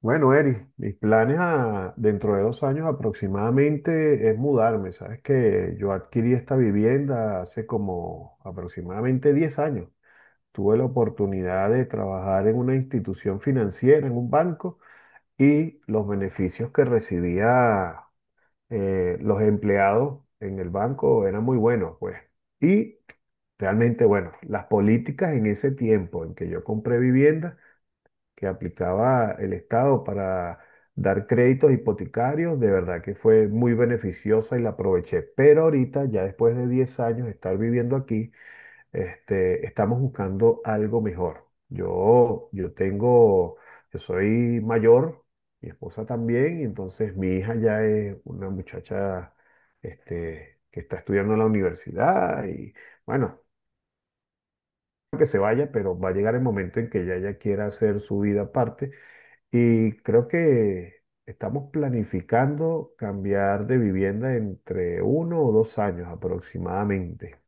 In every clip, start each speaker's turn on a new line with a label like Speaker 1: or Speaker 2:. Speaker 1: Bueno, Eri, dentro de 2 años aproximadamente es mudarme. Sabes que yo adquirí esta vivienda hace como aproximadamente 10 años. Tuve la oportunidad de trabajar en una institución financiera, en un banco, y los beneficios que recibía los empleados en el banco eran muy buenos, pues. Y realmente, bueno, las políticas en ese tiempo en que yo compré vivienda que aplicaba el Estado para dar créditos hipotecarios, de verdad que fue muy beneficiosa y la aproveché. Pero ahorita, ya después de 10 años de estar viviendo aquí, estamos buscando algo mejor. Yo tengo, yo soy mayor, mi esposa también, y entonces mi hija ya es una muchacha, que está estudiando en la universidad y bueno, que se vaya, pero va a llegar el momento en que ella ya quiera hacer su vida aparte y creo que estamos planificando cambiar de vivienda entre 1 o 2 años aproximadamente.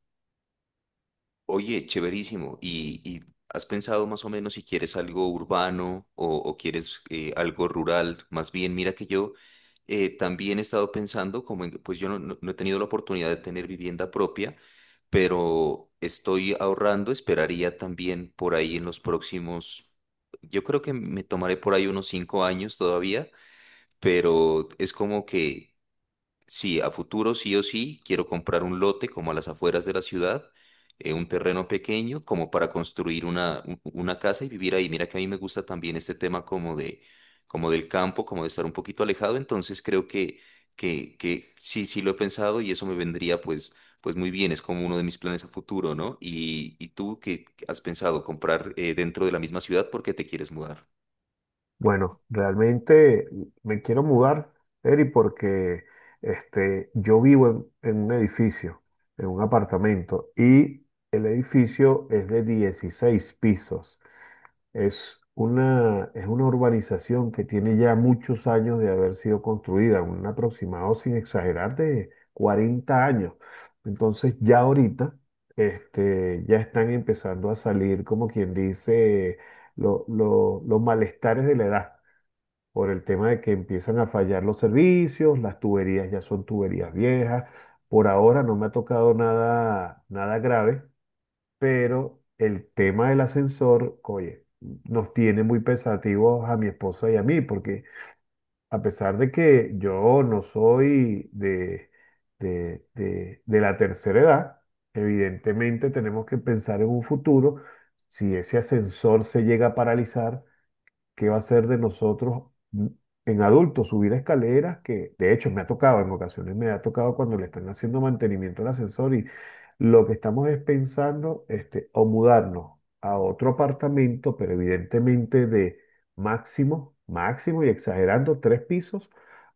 Speaker 2: Oye, chéverísimo. ¿Y, has pensado más o menos si quieres algo urbano o quieres algo rural? Más bien, mira que yo también he estado pensando, como pues yo no he tenido la oportunidad de tener vivienda propia, pero estoy ahorrando, esperaría también por ahí en los próximos, yo creo que me tomaré por ahí unos 5 años todavía, pero es como que... Sí, a futuro sí o sí quiero comprar un lote como a las afueras de la ciudad, un terreno pequeño como para construir una, una casa y vivir ahí. Mira que a mí me gusta también este tema como de, como del campo, como de estar un poquito alejado, entonces creo que, que sí, sí lo he pensado y eso me vendría pues, pues muy bien, es como uno de mis planes a futuro, ¿no? Y, tú, ¿qué has pensado? ¿Comprar dentro de la misma ciudad porque te quieres mudar?
Speaker 1: Bueno, realmente me quiero mudar, Eri, porque yo vivo en un edificio, en un apartamento, y el edificio es de 16 pisos. Es una urbanización que tiene ya muchos años de haber sido construida, un aproximado, sin exagerar, de 40 años. Entonces ya ahorita ya están empezando a salir, como quien dice, los malestares de la edad, por el tema de que empiezan a fallar los servicios, las tuberías ya son tuberías viejas. Por ahora no me ha tocado nada, nada grave pero el tema del ascensor, oye, nos tiene muy pensativos a mi esposa y a mí, porque a pesar de que yo no soy de, de la tercera edad, evidentemente tenemos que pensar en un futuro, si ese ascensor se llega a paralizar. ¿Qué va a ser de nosotros mm, en adultos? Subir escaleras, que de hecho me ha tocado, en ocasiones me ha tocado cuando le están haciendo mantenimiento al ascensor y lo que estamos es pensando, o mudarnos a otro apartamento, pero evidentemente de máximo, máximo y exagerando 3 pisos,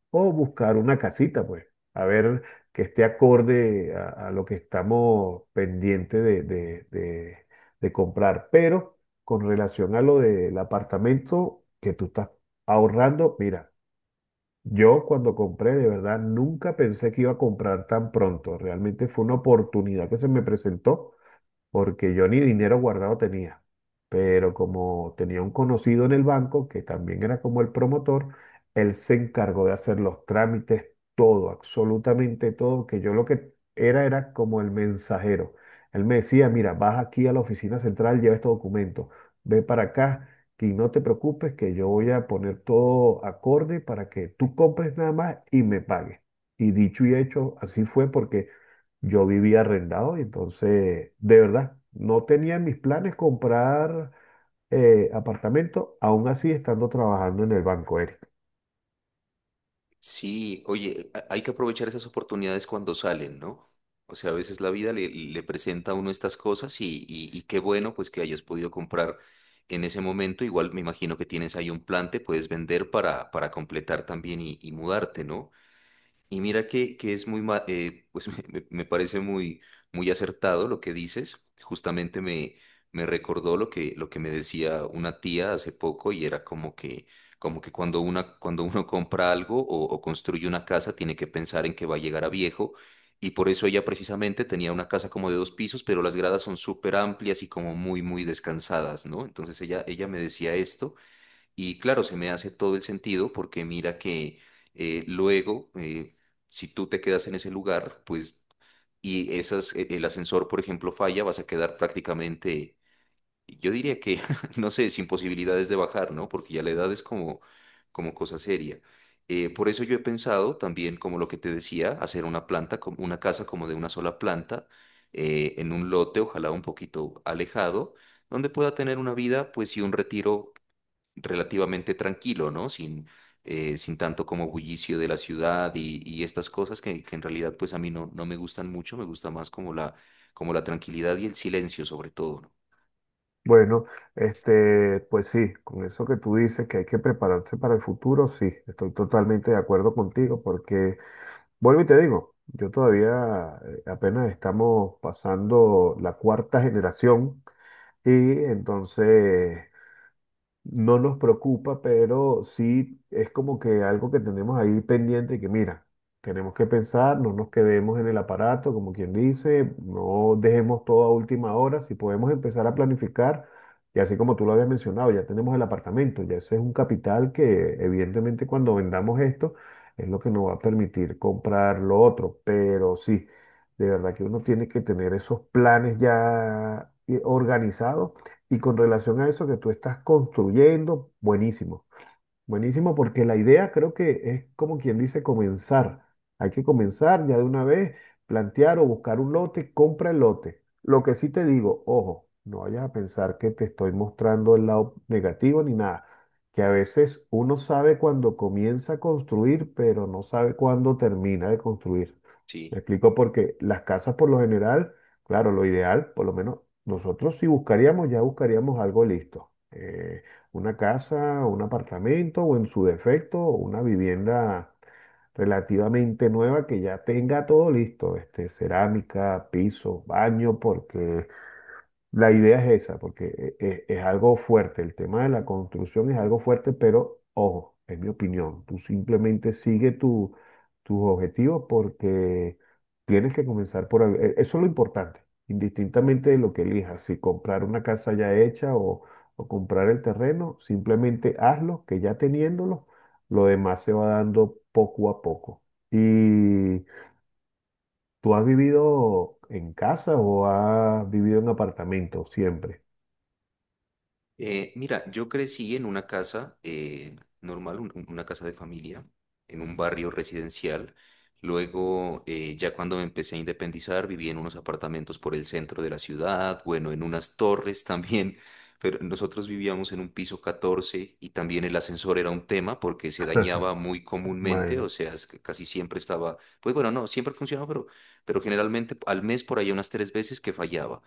Speaker 1: o buscar una casita, pues, a ver que esté acorde a lo que estamos pendientes de, de comprar. Pero con relación a lo del apartamento que tú estás ahorrando, mira, yo cuando compré, de verdad, nunca pensé que iba a comprar tan pronto. Realmente fue una oportunidad que se me presentó porque yo ni dinero guardado tenía, pero como tenía un conocido en el banco, que también era como el promotor, él se encargó de hacer los trámites, todo, absolutamente todo, que yo lo que era como el mensajero. Él me decía, mira, vas aquí a la oficina central, lleva este documento, ve para acá, que no te preocupes, que yo voy a poner todo acorde para que tú compres nada más y me pagues. Y dicho y hecho, así fue porque yo vivía arrendado y entonces, de verdad, no tenía en mis planes comprar apartamento, aún así estando trabajando en el banco, Eric.
Speaker 2: Sí, oye, hay que aprovechar esas oportunidades cuando salen, ¿no? O sea, a veces la vida le presenta a uno estas cosas y, y qué bueno pues que hayas podido comprar en ese momento. Igual me imagino que tienes ahí un plan, te puedes vender para completar también y mudarte, ¿no? Y mira que es muy, pues me, me parece muy, muy acertado lo que dices. Justamente me, me recordó lo que me decía una tía hace poco y era como que cuando una, cuando uno compra algo o construye una casa, tiene que pensar en que va a llegar a viejo. Y por eso ella precisamente tenía una casa como de 2 pisos, pero las gradas son súper amplias y como muy, muy descansadas, ¿no? Entonces ella me decía esto. Y claro, se me hace todo el sentido porque mira que luego, si tú te quedas en ese lugar, pues, y esas, el ascensor, por ejemplo, falla, vas a quedar prácticamente, yo diría que, no sé, sin posibilidades de bajar, ¿no? Porque ya la edad es como, como cosa seria. Por eso yo he pensado también, como lo que te decía, hacer una planta, una casa como de una sola planta, en un lote, ojalá un poquito alejado, donde pueda tener una vida, pues, y un retiro relativamente tranquilo, ¿no? Sin, sin tanto como bullicio de la ciudad y estas cosas que en realidad pues a mí no me gustan mucho, me gusta más como la tranquilidad y el silencio sobre todo, ¿no?
Speaker 1: Bueno, pues sí, con eso que tú dices que hay que prepararse para el futuro, sí, estoy totalmente de acuerdo contigo porque, vuelvo y te digo, yo todavía apenas estamos pasando la cuarta generación y entonces no nos preocupa, pero sí es como que algo que tenemos ahí pendiente y que mira, tenemos que pensar, no nos quedemos en el aparato, como quien dice, no dejemos todo a última hora, si podemos empezar a planificar, y así como tú lo habías mencionado, ya tenemos el apartamento, ya ese es un capital que evidentemente cuando vendamos esto es lo que nos va a permitir comprar lo otro, pero sí, de verdad que uno tiene que tener esos planes ya organizados y con relación a eso que tú estás construyendo, buenísimo. Buenísimo, porque la idea creo que es como quien dice comenzar. Hay que comenzar ya de una vez, plantear o buscar un lote, compra el lote. Lo que sí te digo, ojo, no vayas a pensar que te estoy mostrando el lado negativo ni nada, que a veces uno sabe cuándo comienza a construir, pero no sabe cuándo termina de construir. Me
Speaker 2: Sí.
Speaker 1: explico porque las casas por lo general, claro, lo ideal, por lo menos nosotros si buscaríamos, ya buscaríamos algo listo. Una casa o un apartamento o en su defecto una vivienda relativamente nueva que ya tenga todo listo, cerámica, piso, baño, porque la idea es esa, porque es, algo fuerte, el tema de la construcción es algo fuerte, pero ojo, es mi opinión, tú simplemente sigue tu, tus objetivos porque tienes que comenzar por algo, eso es lo importante, indistintamente de lo que elijas, si comprar una casa ya hecha o comprar el terreno, simplemente hazlo, que ya teniéndolo, lo demás se va dando poco a poco. ¿Y tú has vivido en casa o has vivido en apartamento siempre?
Speaker 2: Mira, yo crecí en una casa normal, una casa de familia, en un barrio residencial. Luego, ya cuando me empecé a independizar, viví en unos apartamentos por el centro de la ciudad, bueno, en unas torres también, pero nosotros vivíamos en un piso 14 y también el ascensor era un tema porque se dañaba muy comúnmente, o
Speaker 1: Bueno,
Speaker 2: sea, es que casi siempre estaba, pues bueno, no, siempre funcionaba, pero generalmente al mes por ahí unas 3 veces que fallaba.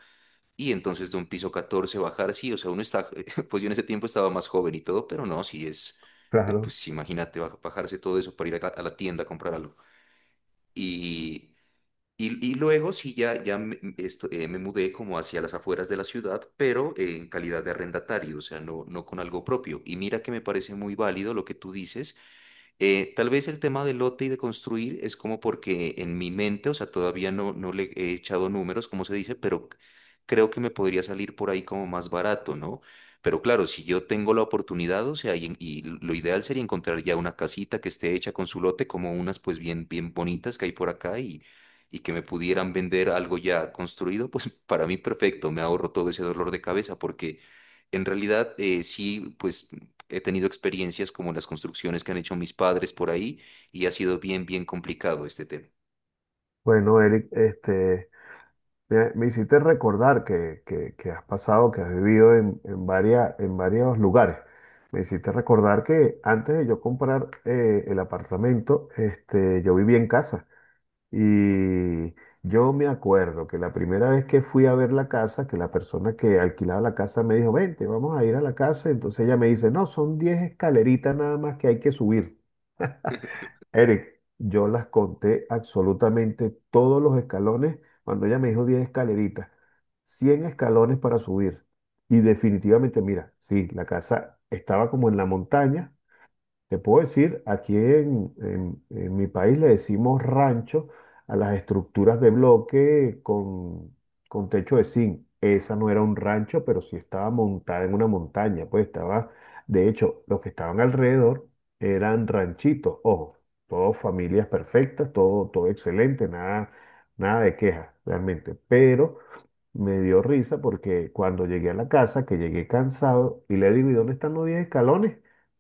Speaker 2: Y entonces de un piso 14 bajar, sí, o sea, uno está, pues yo en ese tiempo estaba más joven y todo, pero no, sí es,
Speaker 1: claro.
Speaker 2: pues imagínate bajarse todo eso para ir a la tienda a comprar algo. Y, y luego sí, ya, ya me mudé como hacia las afueras de la ciudad, pero en calidad de arrendatario, o sea, no con algo propio. Y mira que me parece muy válido lo que tú dices tal vez el tema del lote y de construir es como porque en mi mente, o sea, todavía no le he echado números, como se dice, pero creo que me podría salir por ahí como más barato, ¿no? Pero claro, si yo tengo la oportunidad, o sea, y lo ideal sería encontrar ya una casita que esté hecha con su lote, como unas pues bien, bien bonitas que hay por acá y que me pudieran vender algo ya construido, pues para mí perfecto, me ahorro todo ese dolor de cabeza porque... En realidad, sí, pues he tenido experiencias como las construcciones que han hecho mis padres por ahí y ha sido bien, bien complicado este tema.
Speaker 1: Bueno, Eric, me, me hiciste recordar que, que has pasado, que has vivido en, en varios lugares. Me hiciste recordar que antes de yo comprar el apartamento, yo vivía en casa. Y yo me acuerdo que la primera vez que fui a ver la casa, que la persona que alquilaba la casa me dijo, vente, vamos a ir a la casa. Entonces ella me dice, no, son 10 escaleritas nada más que hay que subir. Eric, yo las conté absolutamente todos los escalones cuando ella me dijo 10 escaleritas, 100 escalones para subir. Y definitivamente, mira, sí, la casa estaba como en la montaña te puedo decir, aquí en, en mi país le decimos rancho a las estructuras de bloque con techo de zinc. Esa no era un rancho, pero sí estaba montada en una montaña. Pues estaba, de hecho, los que estaban alrededor eran ranchitos. Ojo, todas familias perfectas, todo, todo excelente, nada, nada de quejas realmente. Pero me dio risa porque cuando llegué a la casa, que llegué cansado, y le digo, ¿y dónde están los 10 escalones?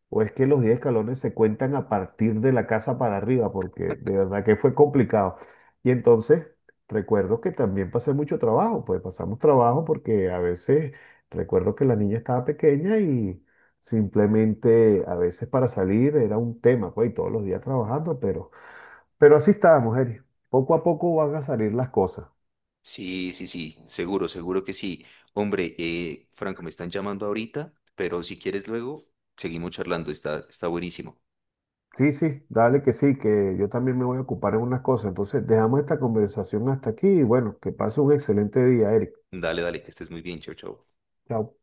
Speaker 1: O es que los 10 escalones se cuentan a partir de la casa para arriba, porque de verdad que fue complicado. Y entonces recuerdo que también pasé mucho trabajo, pues pasamos trabajo porque a veces recuerdo que la niña estaba pequeña y simplemente a veces para salir era un tema, pues y todos los días trabajando, pero así estábamos, Eri. Poco a poco van a salir las cosas.
Speaker 2: Sí, sí, sí, seguro, seguro que sí. Hombre, Franco, me están llamando ahorita, pero si quieres luego, seguimos charlando, está, está buenísimo.
Speaker 1: Sí, sí, dale que sí, que yo también me voy a ocupar en unas cosas. Entonces, dejamos esta conversación hasta aquí y bueno, que pase un excelente día, Eric.
Speaker 2: Dale, dale, que estés muy bien, chao, chao.
Speaker 1: Chao.